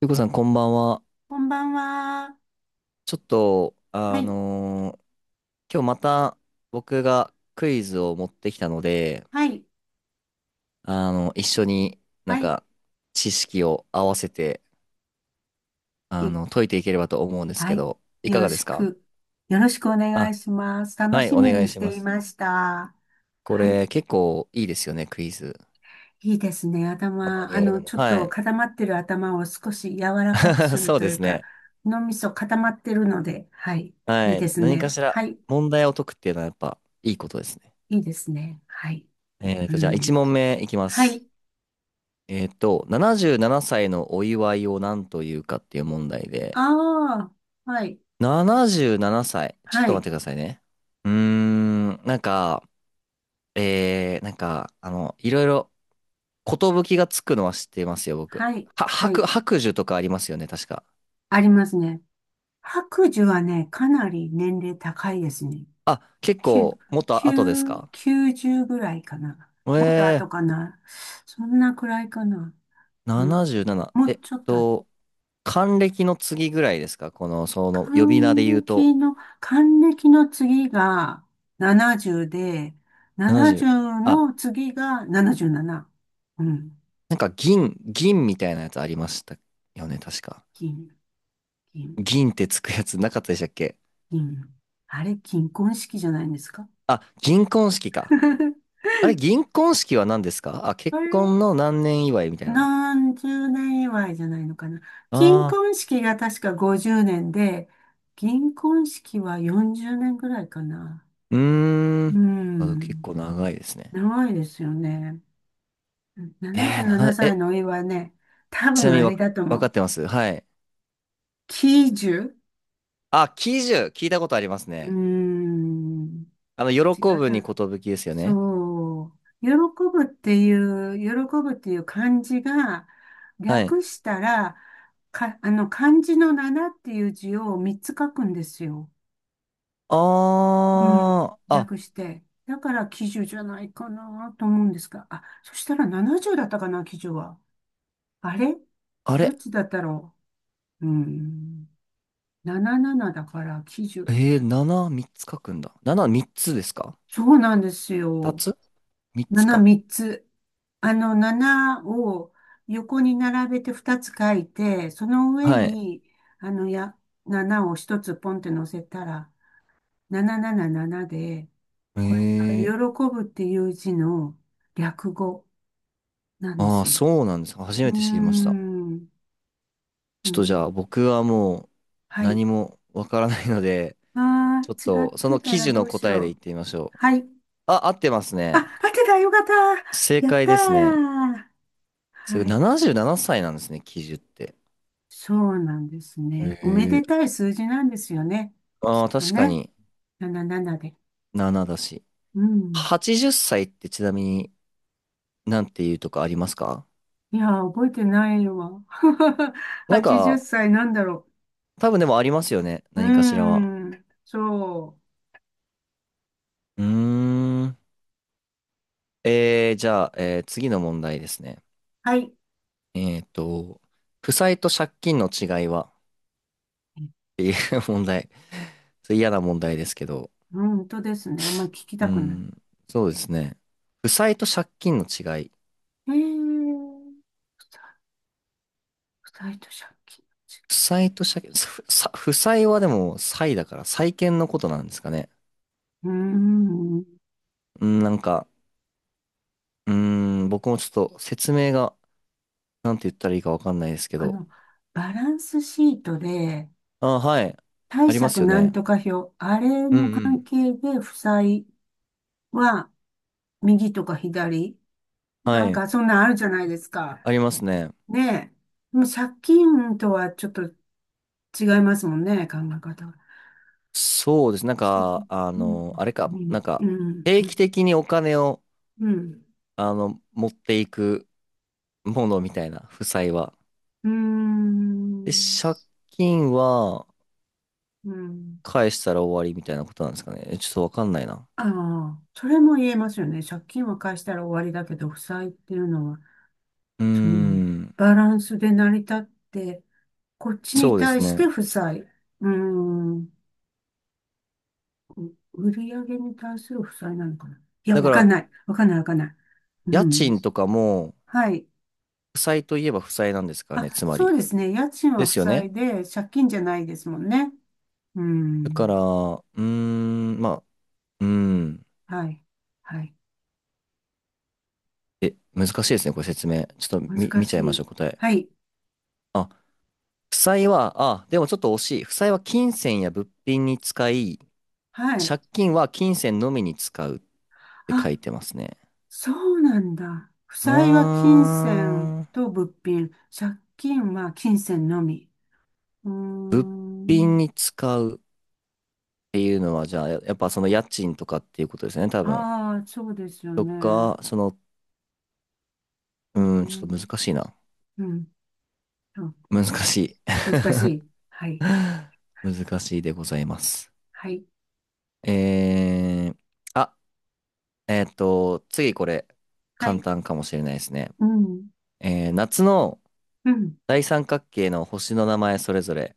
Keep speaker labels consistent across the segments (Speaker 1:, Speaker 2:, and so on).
Speaker 1: ゆうこさん、こんばんは。
Speaker 2: こんばんは。
Speaker 1: ちょっと、
Speaker 2: はい、
Speaker 1: 今日また僕がクイズを持ってきたので、
Speaker 2: はい、
Speaker 1: 一緒になん
Speaker 2: はい。
Speaker 1: か知識を合わせて、
Speaker 2: い
Speaker 1: 解いていければと思うんです
Speaker 2: は
Speaker 1: け
Speaker 2: い。
Speaker 1: ど、い
Speaker 2: よ
Speaker 1: か
Speaker 2: ろ
Speaker 1: がで
Speaker 2: し
Speaker 1: すか？
Speaker 2: く。よろしくお願い
Speaker 1: あ、
Speaker 2: します。楽
Speaker 1: はい、
Speaker 2: し
Speaker 1: お
Speaker 2: み
Speaker 1: 願い
Speaker 2: にし
Speaker 1: しま
Speaker 2: てい
Speaker 1: す。
Speaker 2: ました。
Speaker 1: こ
Speaker 2: はい。
Speaker 1: れ結構いいですよね、クイズ。
Speaker 2: いいですね。
Speaker 1: たま
Speaker 2: 頭、
Speaker 1: にやるのも。
Speaker 2: ちょっ
Speaker 1: は
Speaker 2: と
Speaker 1: い。
Speaker 2: 固まってる頭を少し柔らかく する
Speaker 1: そう
Speaker 2: と
Speaker 1: で
Speaker 2: いう
Speaker 1: す
Speaker 2: か、
Speaker 1: ね。
Speaker 2: 脳みそ固まってるので、はい。い
Speaker 1: は
Speaker 2: いで
Speaker 1: い。
Speaker 2: す
Speaker 1: 何か
Speaker 2: ね。
Speaker 1: しら
Speaker 2: はい。
Speaker 1: 問題を解くっていうのはやっぱいいことですね。
Speaker 2: いいですね。はい。う
Speaker 1: じゃあ
Speaker 2: ん。
Speaker 1: 1問目いきま
Speaker 2: は
Speaker 1: す。
Speaker 2: い。
Speaker 1: 77歳のお祝いを何というかっていう問題で、
Speaker 2: ああ、はい。
Speaker 1: 77歳。ちょっ
Speaker 2: は
Speaker 1: と待っ
Speaker 2: い。
Speaker 1: てくださいね。うーん、なんか、なんか、いろいろ、寿がつくのは知ってますよ、僕。
Speaker 2: はい。
Speaker 1: は、
Speaker 2: は
Speaker 1: 白、
Speaker 2: い。
Speaker 1: 白寿とかありますよね、確か。
Speaker 2: ありますね。白寿はね、かなり年齢高いですね。
Speaker 1: あ、結
Speaker 2: 9、
Speaker 1: 構、もっと後です
Speaker 2: 9、
Speaker 1: か？
Speaker 2: 90ぐらいかな。もっと
Speaker 1: え
Speaker 2: 後かな。そんなくらいかな。うん、
Speaker 1: 77。
Speaker 2: もうちょっと後、
Speaker 1: と、還暦の次ぐらいですか？この、その、呼び名で言
Speaker 2: 還
Speaker 1: うと。
Speaker 2: 暦の、還暦の次が70で、
Speaker 1: 70。
Speaker 2: 70
Speaker 1: あ、
Speaker 2: の次が77。うん。
Speaker 1: なんか銀みたいなやつありましたよね、確か。
Speaker 2: 金、金、
Speaker 1: 銀ってつくやつなかったでしたっけ？
Speaker 2: 金。あれ、金婚式じゃないんですか？
Speaker 1: あ、銀婚式か。あれ、銀婚式は何ですか？あ、結
Speaker 2: あれ、
Speaker 1: 婚の何年祝いみたいな。
Speaker 2: 何十年祝いじゃないのかな。金
Speaker 1: ああ、
Speaker 2: 婚式が確か50年で、銀婚式は40年ぐらいかな。
Speaker 1: うー
Speaker 2: う
Speaker 1: ん。あ、結
Speaker 2: ん。
Speaker 1: 構長いですね。
Speaker 2: 長いですよね。
Speaker 1: えー
Speaker 2: 77
Speaker 1: な、
Speaker 2: 歳
Speaker 1: え、
Speaker 2: のお祝いはね、多
Speaker 1: ちな
Speaker 2: 分
Speaker 1: みに
Speaker 2: あれ
Speaker 1: わ、
Speaker 2: だと
Speaker 1: わ
Speaker 2: 思
Speaker 1: かっ
Speaker 2: う。
Speaker 1: てますはい。
Speaker 2: 喜寿。
Speaker 1: あ、喜寿、聞いたことあります
Speaker 2: うー
Speaker 1: ね。
Speaker 2: ん。違
Speaker 1: 喜
Speaker 2: っ
Speaker 1: ぶに
Speaker 2: た。
Speaker 1: 寿ですよね。
Speaker 2: そう。喜ぶっていう漢字が、
Speaker 1: はい。
Speaker 2: 略したら、か、あの、漢字の7っていう字を3つ書くんですよ。うん。
Speaker 1: ああ、あ、
Speaker 2: 略して。だから喜寿じゃないかなと思うんですが。あ、そしたら70だったかな、喜寿は。あれ、
Speaker 1: あ
Speaker 2: どっ
Speaker 1: れ。
Speaker 2: ちだったろう。うん。77だから喜寿。
Speaker 1: え7、3つ書くんだ。7、3つですか？
Speaker 2: そうなんです
Speaker 1: 2
Speaker 2: よ。
Speaker 1: つ？ 3 つ
Speaker 2: 7、
Speaker 1: か。
Speaker 2: 3つ。7を横に並べて2つ書いて、その上
Speaker 1: はい。
Speaker 2: に、あの、や、7を1つポンって乗せたら、777で、これが喜
Speaker 1: ええ。
Speaker 2: ぶっていう字の略語なんで
Speaker 1: ああー、
Speaker 2: すよ。
Speaker 1: そうなんですか。初
Speaker 2: う
Speaker 1: め
Speaker 2: ー
Speaker 1: て知りました。
Speaker 2: ん。
Speaker 1: ち
Speaker 2: う
Speaker 1: ょっとじゃ
Speaker 2: ん。
Speaker 1: あ僕はもう
Speaker 2: はい。
Speaker 1: 何もわからないので、
Speaker 2: ああ、
Speaker 1: ちょっ
Speaker 2: 違っ
Speaker 1: とそ
Speaker 2: て
Speaker 1: の
Speaker 2: た
Speaker 1: 記
Speaker 2: ら
Speaker 1: 事
Speaker 2: ど
Speaker 1: の
Speaker 2: うし
Speaker 1: 答えで
Speaker 2: よ
Speaker 1: 言っ
Speaker 2: う。
Speaker 1: てみましょう。
Speaker 2: はい。
Speaker 1: あ、合ってます
Speaker 2: あ、
Speaker 1: ね。
Speaker 2: 合ってた。よかった。
Speaker 1: 正
Speaker 2: やっ
Speaker 1: 解
Speaker 2: た
Speaker 1: ですね。
Speaker 2: ー。
Speaker 1: すごい
Speaker 2: はい。
Speaker 1: 77歳ななさいなんですね、記事って。
Speaker 2: そうなんですね。おめ
Speaker 1: え
Speaker 2: で
Speaker 1: え。
Speaker 2: たい数字なんですよね。き
Speaker 1: あ
Speaker 2: っ
Speaker 1: あ、
Speaker 2: と
Speaker 1: 確か
Speaker 2: ね。
Speaker 1: に
Speaker 2: 77で。
Speaker 1: 7だし。
Speaker 2: うん。
Speaker 1: 80歳っさいってちなみになんていうとかありますか？
Speaker 2: いやー、覚えてないわ。
Speaker 1: なん
Speaker 2: 80
Speaker 1: か、
Speaker 2: 歳なんだろ
Speaker 1: 多分でもありますよね。
Speaker 2: う。うー
Speaker 1: 何かしらは。
Speaker 2: ん。そう。
Speaker 1: うーん。じゃあ、次の問題ですね。
Speaker 2: はい。
Speaker 1: えっと、負債と借金の違いはっていう 問題。それ嫌な問題ですけど。
Speaker 2: 本当ですね。あんまり聞き
Speaker 1: う
Speaker 2: たくない。
Speaker 1: ん、そうですね。負債と借金の違い。
Speaker 2: えー、ふた二人と借金
Speaker 1: 負債と借金、負債はでも債だから債権のことなんですかね。
Speaker 2: の違い。うーん。
Speaker 1: うん、なんか、うん、僕もちょっと説明が、なんて言ったらいいかわかんないですけ
Speaker 2: あ
Speaker 1: ど。
Speaker 2: の、バランスシートで、
Speaker 1: あ、はい。
Speaker 2: 貸
Speaker 1: あります
Speaker 2: 借
Speaker 1: よ
Speaker 2: なん
Speaker 1: ね。
Speaker 2: とか表、あれ
Speaker 1: うん
Speaker 2: の
Speaker 1: う
Speaker 2: 関
Speaker 1: ん。
Speaker 2: 係で負債は右とか左、な
Speaker 1: は
Speaker 2: ん
Speaker 1: い。
Speaker 2: かそんなんあるじゃないですか。
Speaker 1: ありますね。
Speaker 2: ねえ。でも借金とはちょっと違いますもんね、考え方が。
Speaker 1: そうです。なん
Speaker 2: ち
Speaker 1: か、
Speaker 2: うん、
Speaker 1: あれか、
Speaker 2: うん、
Speaker 1: なん
Speaker 2: う
Speaker 1: か、
Speaker 2: ん、
Speaker 1: 定
Speaker 2: う
Speaker 1: 期
Speaker 2: ん、
Speaker 1: 的にお金を、持っていくものみたいな、負債は。
Speaker 2: う
Speaker 1: で、
Speaker 2: ん、
Speaker 1: 借金は
Speaker 2: うん。
Speaker 1: 返したら終わりみたいなことなんですかね。ちょっとわかんないな。
Speaker 2: ああ、それも言えますよね。借金は返したら終わりだけど、負債っていうのは、
Speaker 1: うー
Speaker 2: その、
Speaker 1: ん、
Speaker 2: バランスで成り立って、こっちに
Speaker 1: そうです
Speaker 2: 対し
Speaker 1: ね。
Speaker 2: て負債。ーん、売り上げに対する負債なのかな。いや、
Speaker 1: だ
Speaker 2: わ
Speaker 1: か
Speaker 2: かん
Speaker 1: ら、
Speaker 2: ない。わかんない、わかんない。う
Speaker 1: 家
Speaker 2: ん。
Speaker 1: 賃とかも、
Speaker 2: はい。
Speaker 1: 負債といえば負債なんですからね、
Speaker 2: あ、
Speaker 1: つま
Speaker 2: そう
Speaker 1: り。
Speaker 2: ですね。家賃
Speaker 1: で
Speaker 2: は負
Speaker 1: すよね。
Speaker 2: 債で、借金じゃないですもんね。う
Speaker 1: だから、
Speaker 2: ん。
Speaker 1: うーん、まあ、うーん。
Speaker 2: はい。はい。
Speaker 1: え、難しいですね、これ説明。ちょっと
Speaker 2: 難
Speaker 1: 見
Speaker 2: し
Speaker 1: ちゃいましょ
Speaker 2: い。
Speaker 1: う、答え。
Speaker 2: はい。
Speaker 1: あ、負債は、あ、でもちょっと惜しい。負債は金銭や物品に使い、
Speaker 2: はい。
Speaker 1: 借金は金銭のみに使うって書
Speaker 2: あ、
Speaker 1: いてますね。
Speaker 2: そうなんだ。負
Speaker 1: うー
Speaker 2: 債は金銭
Speaker 1: ん。
Speaker 2: と物品。借金は金銭のみ。うー
Speaker 1: 瓶
Speaker 2: ん。
Speaker 1: に使うっていうのは、じゃあ、やっぱその家賃とかっていうことですね、多分。
Speaker 2: ああ、そうですよ
Speaker 1: と
Speaker 2: ね。
Speaker 1: か、その、う
Speaker 2: うー
Speaker 1: ーん、ちょっと
Speaker 2: ん。
Speaker 1: 難しいな。
Speaker 2: うん。そう、
Speaker 1: 難しい。
Speaker 2: 難しい。はい。
Speaker 1: 難しいでございます。
Speaker 2: はい。
Speaker 1: えー、あ、次これ、
Speaker 2: は
Speaker 1: 簡
Speaker 2: い。
Speaker 1: 単かもしれないですね。
Speaker 2: うん。
Speaker 1: 夏の
Speaker 2: うん。
Speaker 1: 大三角形の星の名前それぞれ。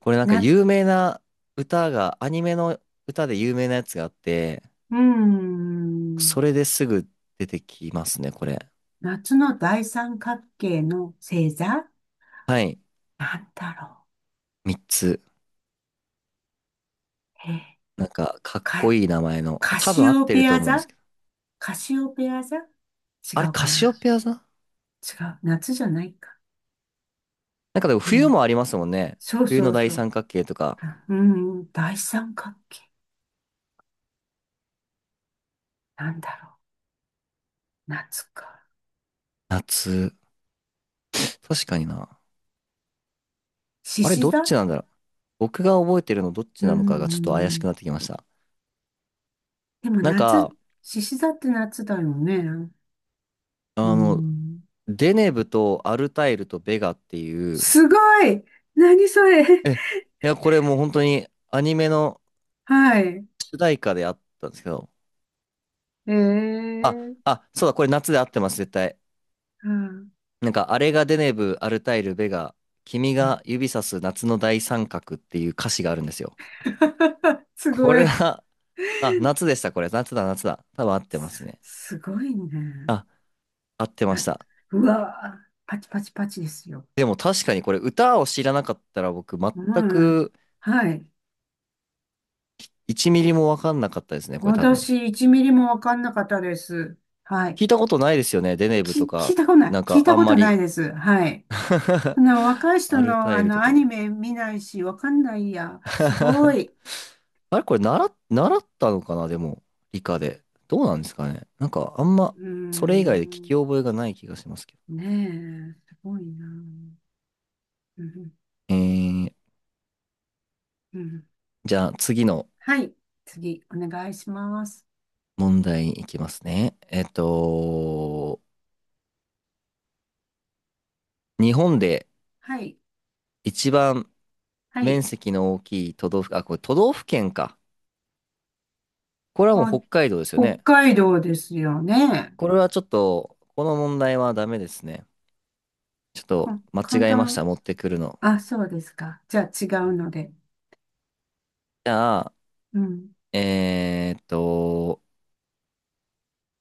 Speaker 1: これなんか
Speaker 2: う
Speaker 1: 有名な歌が、アニメの歌で有名なやつがあって、
Speaker 2: ー
Speaker 1: そ
Speaker 2: ん。
Speaker 1: れですぐ出てきますね、これ。
Speaker 2: 夏の大三角形の星座、
Speaker 1: はい。
Speaker 2: なんだろ
Speaker 1: 3つ。
Speaker 2: う。えー、
Speaker 1: なんか、かっこ
Speaker 2: か、
Speaker 1: いい名前の。
Speaker 2: カ
Speaker 1: 多分
Speaker 2: シ
Speaker 1: 合っ
Speaker 2: オ
Speaker 1: てる
Speaker 2: ペ
Speaker 1: と
Speaker 2: ア
Speaker 1: 思うんで
Speaker 2: 座
Speaker 1: すけど。
Speaker 2: カシオペア座違
Speaker 1: あれ、
Speaker 2: うか
Speaker 1: カシ
Speaker 2: な。
Speaker 1: オペア座？な
Speaker 2: 違う。夏じゃないか。
Speaker 1: んかでも
Speaker 2: う
Speaker 1: 冬
Speaker 2: ん。
Speaker 1: もありますもんね。
Speaker 2: そう
Speaker 1: 冬
Speaker 2: そ
Speaker 1: の
Speaker 2: う
Speaker 1: 大
Speaker 2: そう。
Speaker 1: 三角形とか、
Speaker 2: うん、大三角形。なんだろう。夏か。
Speaker 1: 夏。確かにな。
Speaker 2: 獅
Speaker 1: あれ、
Speaker 2: 子
Speaker 1: どっ
Speaker 2: 座。
Speaker 1: ちなんだろう。僕が覚えてるのどっち
Speaker 2: う
Speaker 1: なのかがちょっと怪しく
Speaker 2: ん。
Speaker 1: なってきました。
Speaker 2: でも
Speaker 1: なん
Speaker 2: 夏、
Speaker 1: か、
Speaker 2: 獅子座って夏だよね。う
Speaker 1: あの、
Speaker 2: ん。
Speaker 1: デネブとアルタイルとベガっていう、
Speaker 2: すごい。何それ？
Speaker 1: いや、これもう本当にアニメの
Speaker 2: はい。
Speaker 1: 主題歌であったんですけど、
Speaker 2: ええ
Speaker 1: あ、
Speaker 2: ー、
Speaker 1: あ、そうだ、これ夏で合ってます、絶対。
Speaker 2: うん。
Speaker 1: なんか、あれがデネブ・アルタイル・ベガ、君が指さす夏の大三角っていう歌詞があるんですよ。
Speaker 2: す
Speaker 1: こ
Speaker 2: ご
Speaker 1: れ
Speaker 2: い。
Speaker 1: は、あ、夏でした、これ。夏だ、夏だ。多分合ってますね。
Speaker 2: すごいね。
Speaker 1: あ、合ってまし
Speaker 2: あ
Speaker 1: た。
Speaker 2: うわー、パチパチパチですよ。
Speaker 1: でも確かにこれ、歌を知らなかったら僕、
Speaker 2: う
Speaker 1: 全
Speaker 2: ん。
Speaker 1: く
Speaker 2: はい。
Speaker 1: 1ミリもわかんなかったですね、これ多分。
Speaker 2: 私、1ミリもわかんなかったです。はい。
Speaker 1: 聞いたことないですよね、デネブと
Speaker 2: 聞い
Speaker 1: か。
Speaker 2: たことない。
Speaker 1: なん
Speaker 2: 聞い
Speaker 1: か、
Speaker 2: た
Speaker 1: あん
Speaker 2: こ
Speaker 1: ま
Speaker 2: とない
Speaker 1: り。
Speaker 2: です。はい。若い人
Speaker 1: アル
Speaker 2: の、
Speaker 1: タイルと
Speaker 2: ア
Speaker 1: か。
Speaker 2: ニメ見ないし、わかんないや。すご い。
Speaker 1: あれこれ習ったのかなでも、理科で。どうなんですかね？なんかあんま、
Speaker 2: うー
Speaker 1: それ以外で聞き
Speaker 2: ん。
Speaker 1: 覚えがない気がしますけど。
Speaker 2: ねえ、すごいな。うん、
Speaker 1: えー、
Speaker 2: うん。
Speaker 1: じゃあ次の
Speaker 2: はい。次、お願いします。
Speaker 1: 問題に行きますね。日本で
Speaker 2: はい。
Speaker 1: 一番
Speaker 2: はい。
Speaker 1: 面積の大きい都道府、あ、これ都道府県か。これはもう北海道ですよ
Speaker 2: お北
Speaker 1: ね。
Speaker 2: 海道ですよね。
Speaker 1: これはちょっと、この問題はダメですね。ちょっと間
Speaker 2: 簡
Speaker 1: 違えました、
Speaker 2: 単。
Speaker 1: 持ってくるの。
Speaker 2: あ、そうですか。じゃあ違うので。
Speaker 1: じゃあ、
Speaker 2: うん。
Speaker 1: えーっと、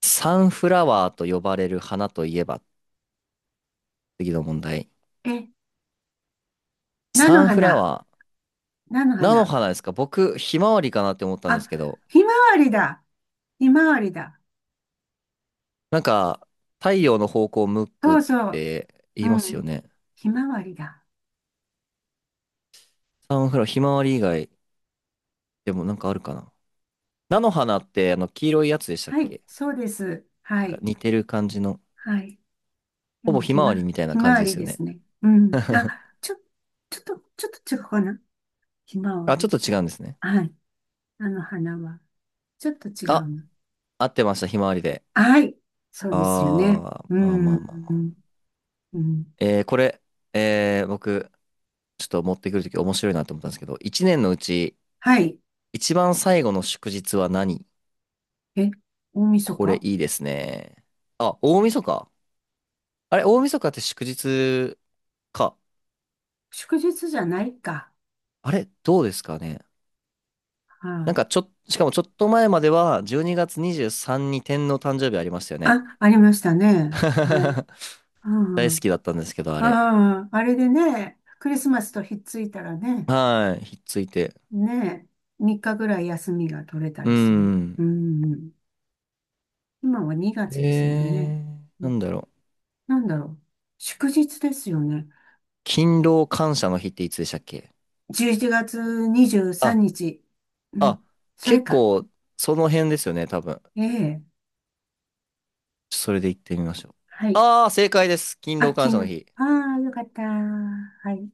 Speaker 1: サンフラワーと呼ばれる花といえば、次の問題。
Speaker 2: え、菜の
Speaker 1: サンフラ
Speaker 2: 花。
Speaker 1: ワー、
Speaker 2: 菜の
Speaker 1: 菜の
Speaker 2: 花。
Speaker 1: 花ですか？僕、ひまわりかなって思ったんで
Speaker 2: あ、
Speaker 1: すけど、
Speaker 2: ひまわりだ。ひまわりだ。
Speaker 1: なんか、太陽の方向を向く
Speaker 2: そ
Speaker 1: っ
Speaker 2: うそう。
Speaker 1: て
Speaker 2: う
Speaker 1: 言いますよ
Speaker 2: ん。
Speaker 1: ね。
Speaker 2: ひまわりだ。
Speaker 1: サンフラワー、ひまわり以外でもなんかあるかな。菜の花って、黄色いやつでしたっ
Speaker 2: はい、
Speaker 1: け？
Speaker 2: そうです。は
Speaker 1: なんか
Speaker 2: い。
Speaker 1: 似てる感じの、
Speaker 2: はい。で
Speaker 1: ほぼ
Speaker 2: も、
Speaker 1: ひまわりみたいな
Speaker 2: ひま
Speaker 1: 感じ
Speaker 2: わ
Speaker 1: で
Speaker 2: り
Speaker 1: すよ
Speaker 2: で
Speaker 1: ね。
Speaker 2: すね。うん。あ、ちょっと違うかな。ひまわ
Speaker 1: あ、ちょ
Speaker 2: り
Speaker 1: っと違
Speaker 2: と。
Speaker 1: うんですね。
Speaker 2: はい。あの花は。ちょっと違う
Speaker 1: あ、
Speaker 2: の。
Speaker 1: 合ってました、ひまわりで。
Speaker 2: はい。そうですよ
Speaker 1: あ
Speaker 2: ね。う
Speaker 1: ー、まあまあまあ。
Speaker 2: ん。うん。
Speaker 1: これ、僕、ちょっと持ってくるとき面白いなと思ったんですけど、一年のうち、
Speaker 2: はい。
Speaker 1: 一番最後の祝日は何？
Speaker 2: え、大晦
Speaker 1: これ
Speaker 2: 日。
Speaker 1: いいですね。あ、大晦日。あれ、大晦日って祝日か。
Speaker 2: 祝日じゃないか。
Speaker 1: あれ、どうですかね。
Speaker 2: は
Speaker 1: なんかちょっ、しかもちょっと前までは、12月23にがつにじゅうさんに天皇誕生日ありましたよ
Speaker 2: あ、
Speaker 1: ね。
Speaker 2: あ、ありましたね。はい。
Speaker 1: 大好
Speaker 2: あ
Speaker 1: きだったんですけど、あ
Speaker 2: あ、
Speaker 1: れ。
Speaker 2: ああ、あれでね、クリスマスとひっついたらね、
Speaker 1: はい、ひっついて。
Speaker 2: ね、3日ぐらい休みが取れた
Speaker 1: うー
Speaker 2: りする。う
Speaker 1: ん。
Speaker 2: ん。今は2月ですもんね。う
Speaker 1: な
Speaker 2: ん、
Speaker 1: んだろう。
Speaker 2: なんだろう。祝日ですよね。
Speaker 1: 勤労感謝の日っていつでしたっけ？
Speaker 2: 11月23
Speaker 1: あ
Speaker 2: 日。うん。
Speaker 1: あ、
Speaker 2: それ
Speaker 1: 結
Speaker 2: か。
Speaker 1: 構、その辺ですよね、多分。
Speaker 2: ええ。
Speaker 1: それで行ってみましょう。
Speaker 2: はい。
Speaker 1: ああ、正解です。勤
Speaker 2: あ、
Speaker 1: 労
Speaker 2: 昨
Speaker 1: 感謝の
Speaker 2: 日。
Speaker 1: 日。
Speaker 2: ああ、よかった。はい。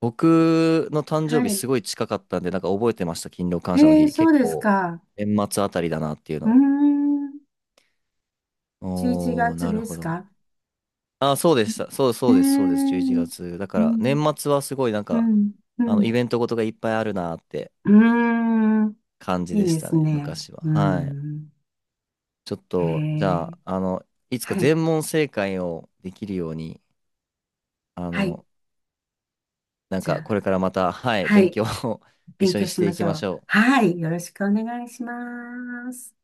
Speaker 1: 僕の誕生
Speaker 2: は
Speaker 1: 日
Speaker 2: い。
Speaker 1: すごい近かったんで、なんか覚えてました、勤労感謝の日。
Speaker 2: そ
Speaker 1: 結
Speaker 2: うです
Speaker 1: 構、
Speaker 2: か。
Speaker 1: 年末あたりだなっていう
Speaker 2: うー
Speaker 1: の。
Speaker 2: ん。11
Speaker 1: おー、
Speaker 2: 月
Speaker 1: なる
Speaker 2: で
Speaker 1: ほ
Speaker 2: す
Speaker 1: ど。
Speaker 2: か？
Speaker 1: あ、そうでした。そう、
Speaker 2: え
Speaker 1: そ
Speaker 2: え
Speaker 1: うです、そうです。11
Speaker 2: ー、
Speaker 1: 月。だか
Speaker 2: う
Speaker 1: ら、年
Speaker 2: ん、
Speaker 1: 末はすごいなん
Speaker 2: う
Speaker 1: か、
Speaker 2: ん、う
Speaker 1: イ
Speaker 2: ん。
Speaker 1: ベントごとがいっぱいあるなって
Speaker 2: うーん。
Speaker 1: 感じ
Speaker 2: いい
Speaker 1: でし
Speaker 2: で
Speaker 1: た
Speaker 2: す
Speaker 1: ね、
Speaker 2: ね。
Speaker 1: 昔は。
Speaker 2: うー
Speaker 1: はい。
Speaker 2: ん。
Speaker 1: ちょっ
Speaker 2: え
Speaker 1: と、じゃ
Speaker 2: ー、
Speaker 1: あ、いつか
Speaker 2: はい。
Speaker 1: 全問正解をできるように、あ
Speaker 2: はい。
Speaker 1: の、なん
Speaker 2: じゃ
Speaker 1: かこれ
Speaker 2: あ、
Speaker 1: からまた、はい、
Speaker 2: は
Speaker 1: 勉強
Speaker 2: い。
Speaker 1: を 一
Speaker 2: 勉
Speaker 1: 緒
Speaker 2: 強
Speaker 1: にし
Speaker 2: し
Speaker 1: て
Speaker 2: ま
Speaker 1: い
Speaker 2: し
Speaker 1: き
Speaker 2: ょ
Speaker 1: まし
Speaker 2: う。
Speaker 1: ょう。
Speaker 2: はい。よろしくお願いします。